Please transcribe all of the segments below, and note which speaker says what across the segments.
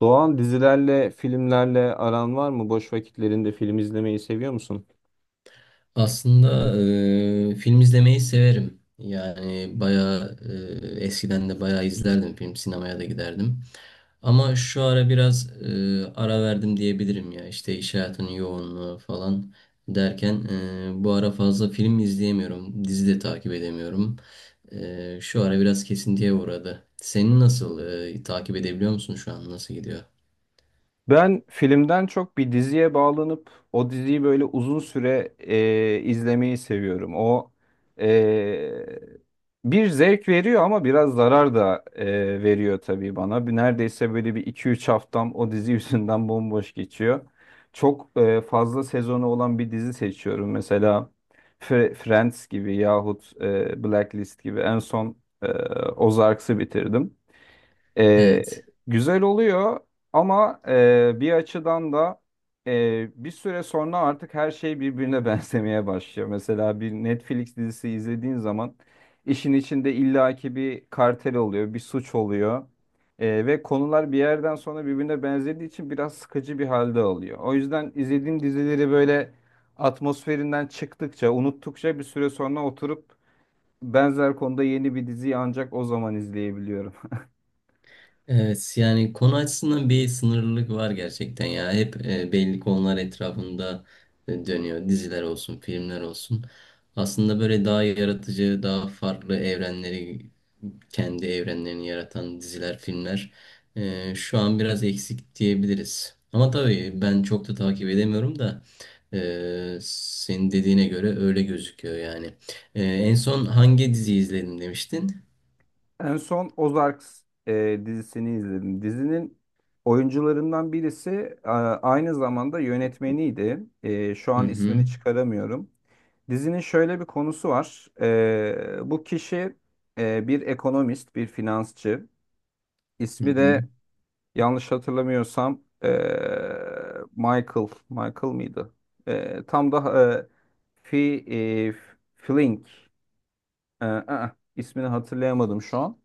Speaker 1: Doğan dizilerle, filmlerle aran var mı? Boş vakitlerinde film izlemeyi seviyor musun?
Speaker 2: Aslında film izlemeyi severim. Yani bayağı eskiden de bayağı izlerdim film, sinemaya da giderdim. Ama şu ara biraz ara verdim diyebilirim ya. İşte iş hayatının yoğunluğu falan derken bu ara fazla film izleyemiyorum. Dizi de takip edemiyorum. Şu ara biraz kesintiye uğradı. Senin nasıl takip edebiliyor musun şu an? Nasıl gidiyor?
Speaker 1: Ben filmden çok bir diziye bağlanıp o diziyi böyle uzun süre izlemeyi seviyorum. O e, bir zevk veriyor ama biraz zarar da veriyor tabii bana. Neredeyse böyle bir iki üç haftam o dizi yüzünden bomboş geçiyor. Çok fazla sezonu olan bir dizi seçiyorum. Mesela Friends gibi yahut Blacklist gibi en son e, Ozarks'ı bitirdim. E,
Speaker 2: Evet.
Speaker 1: Güzel oluyor ama bir açıdan da bir süre sonra artık her şey birbirine benzemeye başlıyor. Mesela bir Netflix dizisi izlediğin zaman işin içinde illaki bir kartel oluyor, bir suç oluyor. Ve konular bir yerden sonra birbirine benzediği için biraz sıkıcı bir halde alıyor. O yüzden izlediğim dizileri böyle atmosferinden çıktıkça, unuttukça bir süre sonra oturup benzer konuda yeni bir diziyi ancak o zaman izleyebiliyorum.
Speaker 2: Evet, yani konu açısından bir sınırlılık var gerçekten ya. Hep belli konular etrafında dönüyor. Diziler olsun, filmler olsun. Aslında böyle daha yaratıcı, daha farklı evrenleri, kendi evrenlerini yaratan diziler, filmler şu an biraz eksik diyebiliriz. Ama tabii ben çok da takip edemiyorum da senin dediğine göre öyle gözüküyor yani. En son hangi dizi izledin demiştin?
Speaker 1: En son Ozarks dizisini izledim. Dizinin oyuncularından birisi aynı zamanda yönetmeniydi. Şu
Speaker 2: Hı
Speaker 1: an
Speaker 2: hı.
Speaker 1: ismini çıkaramıyorum. Dizinin şöyle bir konusu var. Bu kişi bir ekonomist, bir finansçı.
Speaker 2: Hı
Speaker 1: İsmi de
Speaker 2: hı.
Speaker 1: yanlış hatırlamıyorsam Michael. Michael mıydı? Tam da Fi, e, Flink. İsmini hatırlayamadım şu an.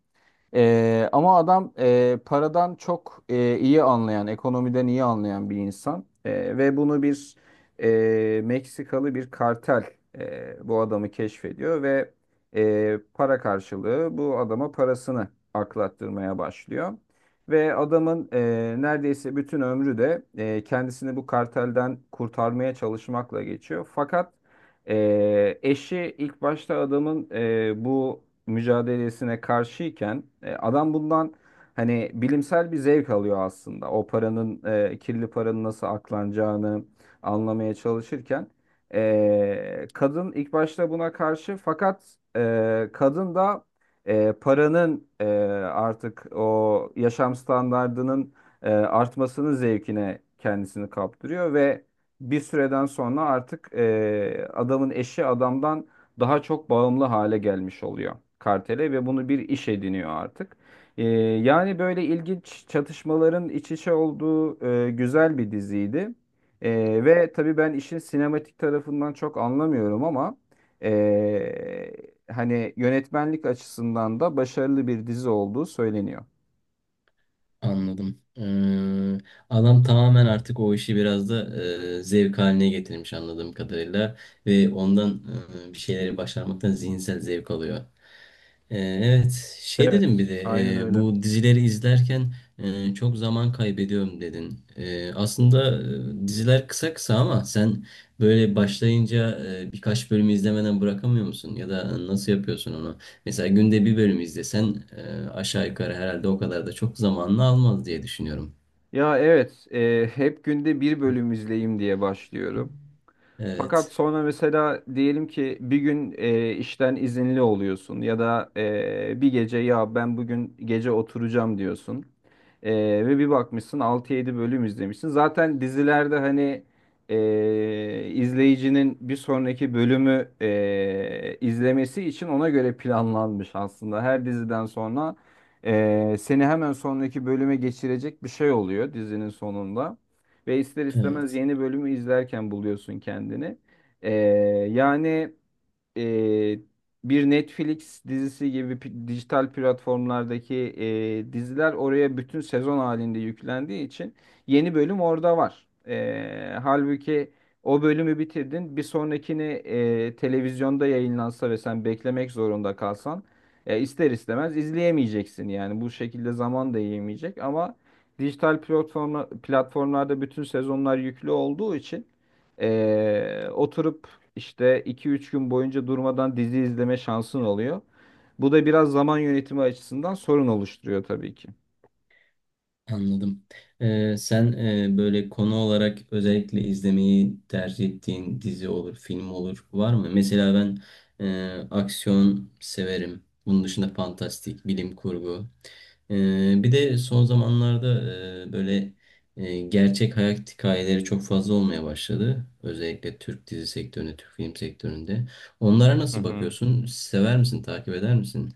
Speaker 1: Ama adam paradan çok iyi anlayan, ekonomiden iyi anlayan bir insan. Ve bunu bir Meksikalı bir kartel, bu adamı keşfediyor ve para karşılığı bu adama parasını aklattırmaya başlıyor. Ve adamın neredeyse bütün ömrü de kendisini bu kartelden kurtarmaya çalışmakla geçiyor. Fakat eşi ilk başta adamın bu mücadelesine karşıyken adam bundan hani bilimsel bir zevk alıyor aslında. O paranın, kirli paranın nasıl aklanacağını anlamaya çalışırken kadın ilk başta buna karşı, fakat kadın da e, paranın e, artık o yaşam standardının artmasının zevkine kendisini kaptırıyor ve bir süreden sonra artık adamın eşi adamdan daha çok bağımlı hale gelmiş oluyor kartele ve bunu bir iş ediniyor artık. E, yani böyle ilginç çatışmaların iç içe olduğu güzel bir diziydi. E, ve tabii ben işin sinematik tarafından çok anlamıyorum, ama e, hani yönetmenlik açısından da başarılı bir dizi olduğu söyleniyor.
Speaker 2: Anladım. Adam tamamen artık o işi biraz da zevk haline getirmiş anladığım kadarıyla ve ondan bir şeyleri başarmaktan zihinsel zevk alıyor. Evet, şey dedim bir
Speaker 1: Evet,
Speaker 2: de
Speaker 1: aynen öyle.
Speaker 2: bu dizileri izlerken çok zaman kaybediyorum dedin. Aslında diziler kısa kısa ama sen böyle başlayınca birkaç bölümü izlemeden bırakamıyor musun? Ya da nasıl yapıyorsun onu? Mesela günde bir bölüm izlesen aşağı yukarı herhalde o kadar da çok zamanını almaz diye düşünüyorum.
Speaker 1: Ya evet, hep günde bir bölüm izleyeyim diye başlıyorum. Fakat
Speaker 2: Evet,
Speaker 1: sonra mesela diyelim ki bir gün işten izinli oluyorsun ya da bir gece ya ben bugün gece oturacağım diyorsun. E, ve bir bakmışsın altı yedi bölüm izlemişsin. Zaten dizilerde hani izleyicinin bir sonraki bölümü izlemesi için ona göre planlanmış aslında. Her diziden sonra seni hemen sonraki bölüme geçirecek bir şey oluyor dizinin sonunda. Ve ister istemez
Speaker 2: evet.
Speaker 1: yeni bölümü izlerken buluyorsun kendini. Ee, yani e, bir Netflix dizisi gibi dijital platformlardaki diziler oraya bütün sezon halinde yüklendiği için yeni bölüm orada var. Halbuki o bölümü bitirdin, bir sonrakini televizyonda yayınlansa ve sen beklemek zorunda kalsan ister istemez izleyemeyeceksin. Yani bu şekilde zaman da yiyemeyecek, ama platformlarda bütün sezonlar yüklü olduğu için oturup işte iki üç gün boyunca durmadan dizi izleme şansın oluyor. Bu da biraz zaman yönetimi açısından sorun oluşturuyor tabii ki.
Speaker 2: Anladım. Sen böyle konu olarak özellikle izlemeyi tercih ettiğin dizi olur, film olur var mı? Mesela ben aksiyon severim. Bunun dışında fantastik, bilim kurgu. Bir de son zamanlarda böyle gerçek hayat hikayeleri çok fazla olmaya başladı. Özellikle Türk dizi sektöründe, Türk film sektöründe. Onlara
Speaker 1: Hı
Speaker 2: nasıl
Speaker 1: hı.
Speaker 2: bakıyorsun? Sever misin, takip eder misin?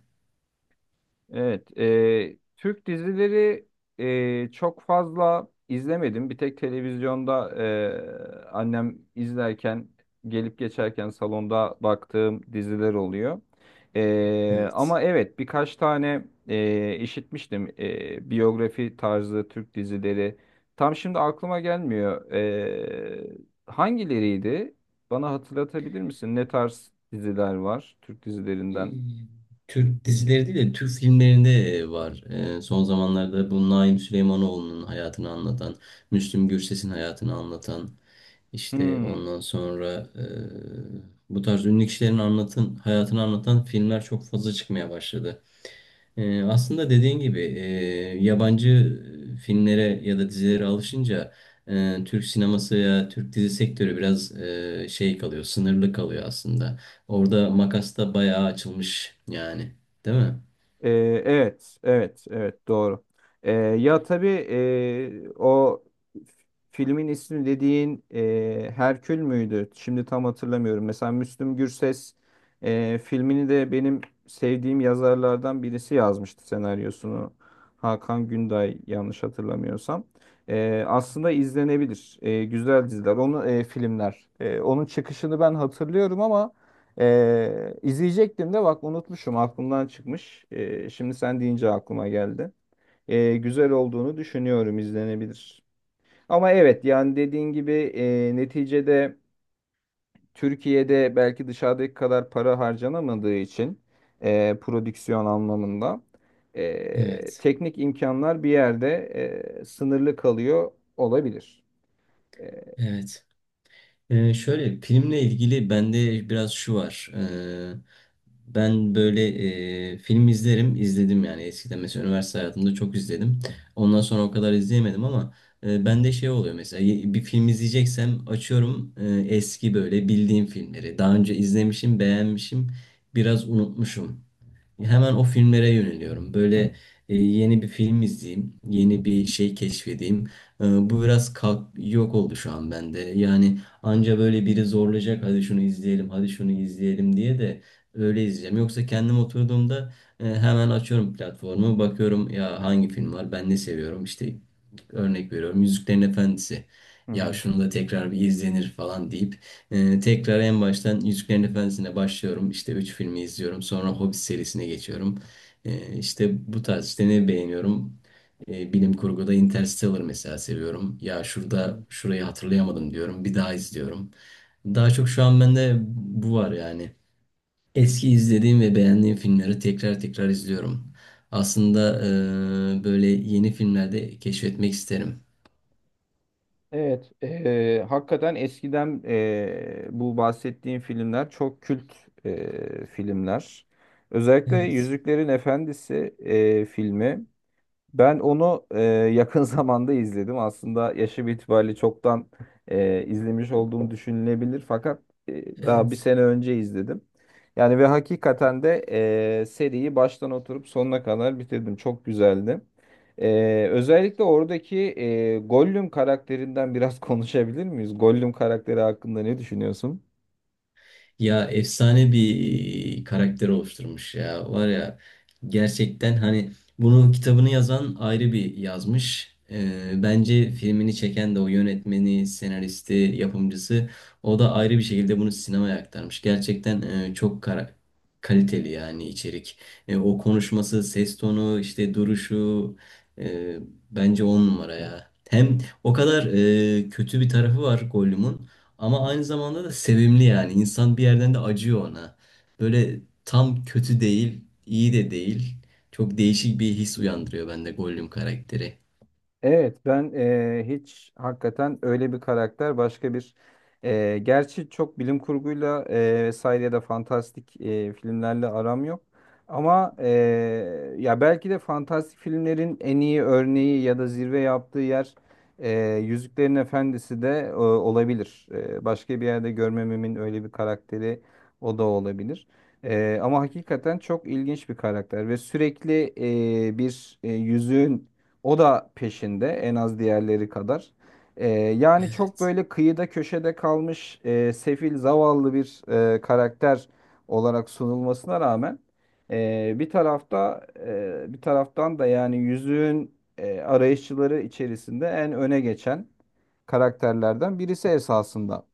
Speaker 1: Evet, Türk dizileri çok fazla izlemedim. Bir tek televizyonda annem izlerken, gelip geçerken salonda baktığım diziler oluyor.
Speaker 2: Evet.
Speaker 1: Ama evet, birkaç tane işitmiştim biyografi tarzı Türk dizileri. Tam şimdi aklıma gelmiyor. Hangileriydi? Bana hatırlatabilir misin? Ne tarz diziler var Türk
Speaker 2: e,
Speaker 1: dizilerinden?
Speaker 2: Türk dizileri değil de Türk filmlerinde var. Son zamanlarda bu Naim Süleymanoğlu'nun hayatını anlatan, Müslüm Gürses'in hayatını anlatan, işte
Speaker 1: Hmm.
Speaker 2: ondan sonra bu tarz ünlü kişilerin anlatın, hayatını anlatan filmler çok fazla çıkmaya başladı. Aslında dediğin gibi yabancı filmlere ya da dizilere alışınca Türk sineması ya Türk dizi sektörü biraz şey kalıyor, sınırlı kalıyor aslında. Orada makas da bayağı açılmış yani, değil mi?
Speaker 1: Ee, evet, evet, evet doğru. Ya tabii o filmin ismi dediğin Herkül müydü? Şimdi tam hatırlamıyorum. Mesela Müslüm Gürses filmini de benim sevdiğim yazarlardan birisi yazmıştı senaryosunu. Hakan Günday yanlış hatırlamıyorsam. Aslında izlenebilir. Güzel diziler, onu filmler. Onun çıkışını ben hatırlıyorum ama. İzleyecektim de bak unutmuşum, aklımdan çıkmış. Şimdi sen deyince aklıma geldi. Güzel olduğunu düşünüyorum, izlenebilir. Ama evet, yani dediğin gibi neticede Türkiye'de belki dışarıdaki kadar para harcanamadığı için prodüksiyon anlamında
Speaker 2: Evet,
Speaker 1: teknik imkanlar bir yerde sınırlı kalıyor olabilir. E,
Speaker 2: evet. Şöyle filmle ilgili bende biraz şu var. Ben böyle film izlerim, izledim yani eskiden mesela üniversite hayatımda çok izledim. Ondan sonra o kadar izleyemedim ama bende şey oluyor mesela bir film izleyeceksem açıyorum eski böyle bildiğim filmleri. Daha önce izlemişim, beğenmişim, biraz unutmuşum. Hemen o filmlere yöneliyorum. Böyle yeni bir film izleyeyim, yeni bir şey keşfedeyim. Bu biraz kalk yok oldu şu an bende. Yani anca böyle biri zorlayacak, hadi şunu izleyelim, hadi şunu izleyelim diye de öyle izleyeceğim. Yoksa kendim oturduğumda hemen açıyorum platformu, bakıyorum ya hangi film var, ben ne seviyorum. İşte örnek veriyorum, Yüzüklerin Efendisi.
Speaker 1: Hı
Speaker 2: Ya
Speaker 1: hı.
Speaker 2: şunu da tekrar bir izlenir falan deyip tekrar en baştan Yüzüklerin Efendisi'ne başlıyorum. İşte 3 filmi izliyorum. Sonra Hobbit serisine geçiyorum. İşte bu tarz işte ne beğeniyorum? Bilim kurguda Interstellar mesela seviyorum. Ya
Speaker 1: Hı
Speaker 2: şurada
Speaker 1: hı.
Speaker 2: şurayı hatırlayamadım diyorum. Bir daha izliyorum. Daha çok şu an bende bu var yani. Eski izlediğim ve beğendiğim filmleri tekrar tekrar izliyorum. Aslında böyle yeni filmlerde keşfetmek isterim.
Speaker 1: Evet, hakikaten eskiden bu bahsettiğim filmler çok kült filmler. Özellikle
Speaker 2: Evet.
Speaker 1: Yüzüklerin Efendisi filmi. Ben onu yakın zamanda izledim. Aslında yaşım itibariyle çoktan izlemiş olduğum düşünülebilir. Fakat daha bir
Speaker 2: Evet.
Speaker 1: sene önce izledim. Yani ve hakikaten de seriyi baştan oturup sonuna kadar bitirdim. Çok güzeldi. Özellikle oradaki Gollum karakterinden biraz konuşabilir miyiz? Gollum karakteri hakkında ne düşünüyorsun?
Speaker 2: Ya efsane bir karakter oluşturmuş ya. Var ya gerçekten hani bunun kitabını yazan ayrı bir yazmış. Bence filmini çeken de o yönetmeni, senaristi, yapımcısı o da ayrı bir şekilde bunu sinemaya aktarmış. Gerçekten çok kaliteli yani içerik. O konuşması, ses tonu, işte duruşu e, bence on numara ya. Hem o kadar kötü bir tarafı var Gollum'un. Ama aynı zamanda da sevimli yani. İnsan bir yerden de acıyor ona. Böyle tam kötü değil, iyi de değil. Çok değişik bir his uyandırıyor bende Gollum karakteri.
Speaker 1: Evet, ben hiç hakikaten öyle bir karakter başka bir, gerçi çok bilim kurguyla vesaire ya da fantastik filmlerle aram yok. Ama ya belki de fantastik filmlerin en iyi örneği ya da zirve yaptığı yer Yüzüklerin Efendisi de olabilir. Başka bir yerde görmememin öyle bir karakteri o da olabilir. Ama hakikaten çok ilginç bir karakter ve sürekli bir yüzüğün o da peşinde, en az diğerleri kadar. Yani çok böyle kıyıda köşede kalmış sefil zavallı bir karakter olarak sunulmasına rağmen bir taraftan da yani yüzüğün arayışçıları içerisinde en öne geçen karakterlerden birisi esasında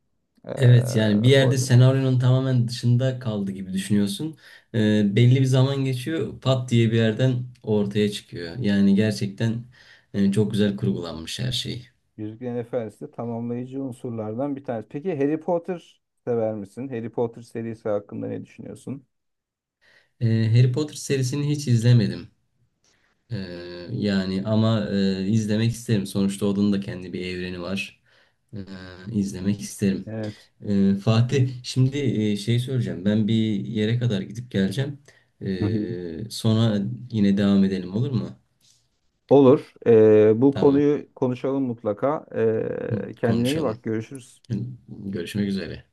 Speaker 1: e,
Speaker 2: Evet, yani bir yerde
Speaker 1: Gollum.
Speaker 2: senaryonun tamamen dışında kaldı gibi düşünüyorsun. Belli bir zaman geçiyor pat diye bir yerden ortaya çıkıyor. Yani gerçekten çok güzel kurgulanmış her şey.
Speaker 1: Yüzüklerin Efendisi de tamamlayıcı unsurlardan bir tanesi. Peki Harry Potter sever misin? Harry Potter serisi hakkında ne düşünüyorsun?
Speaker 2: Harry Potter serisini hiç izlemedim. Yani ama izlemek isterim. Sonuçta onun da kendi bir evreni var. Ee, izlemek isterim.
Speaker 1: Evet.
Speaker 2: Fatih, şimdi şey söyleyeceğim. Ben bir yere kadar gidip geleceğim.
Speaker 1: Hı hı.
Speaker 2: Sonra yine devam edelim, olur mu?
Speaker 1: Olur. Bu
Speaker 2: Tamam.
Speaker 1: konuyu konuşalım mutlaka. Kendine iyi
Speaker 2: Konuşalım.
Speaker 1: bak. Görüşürüz.
Speaker 2: Görüşmek üzere.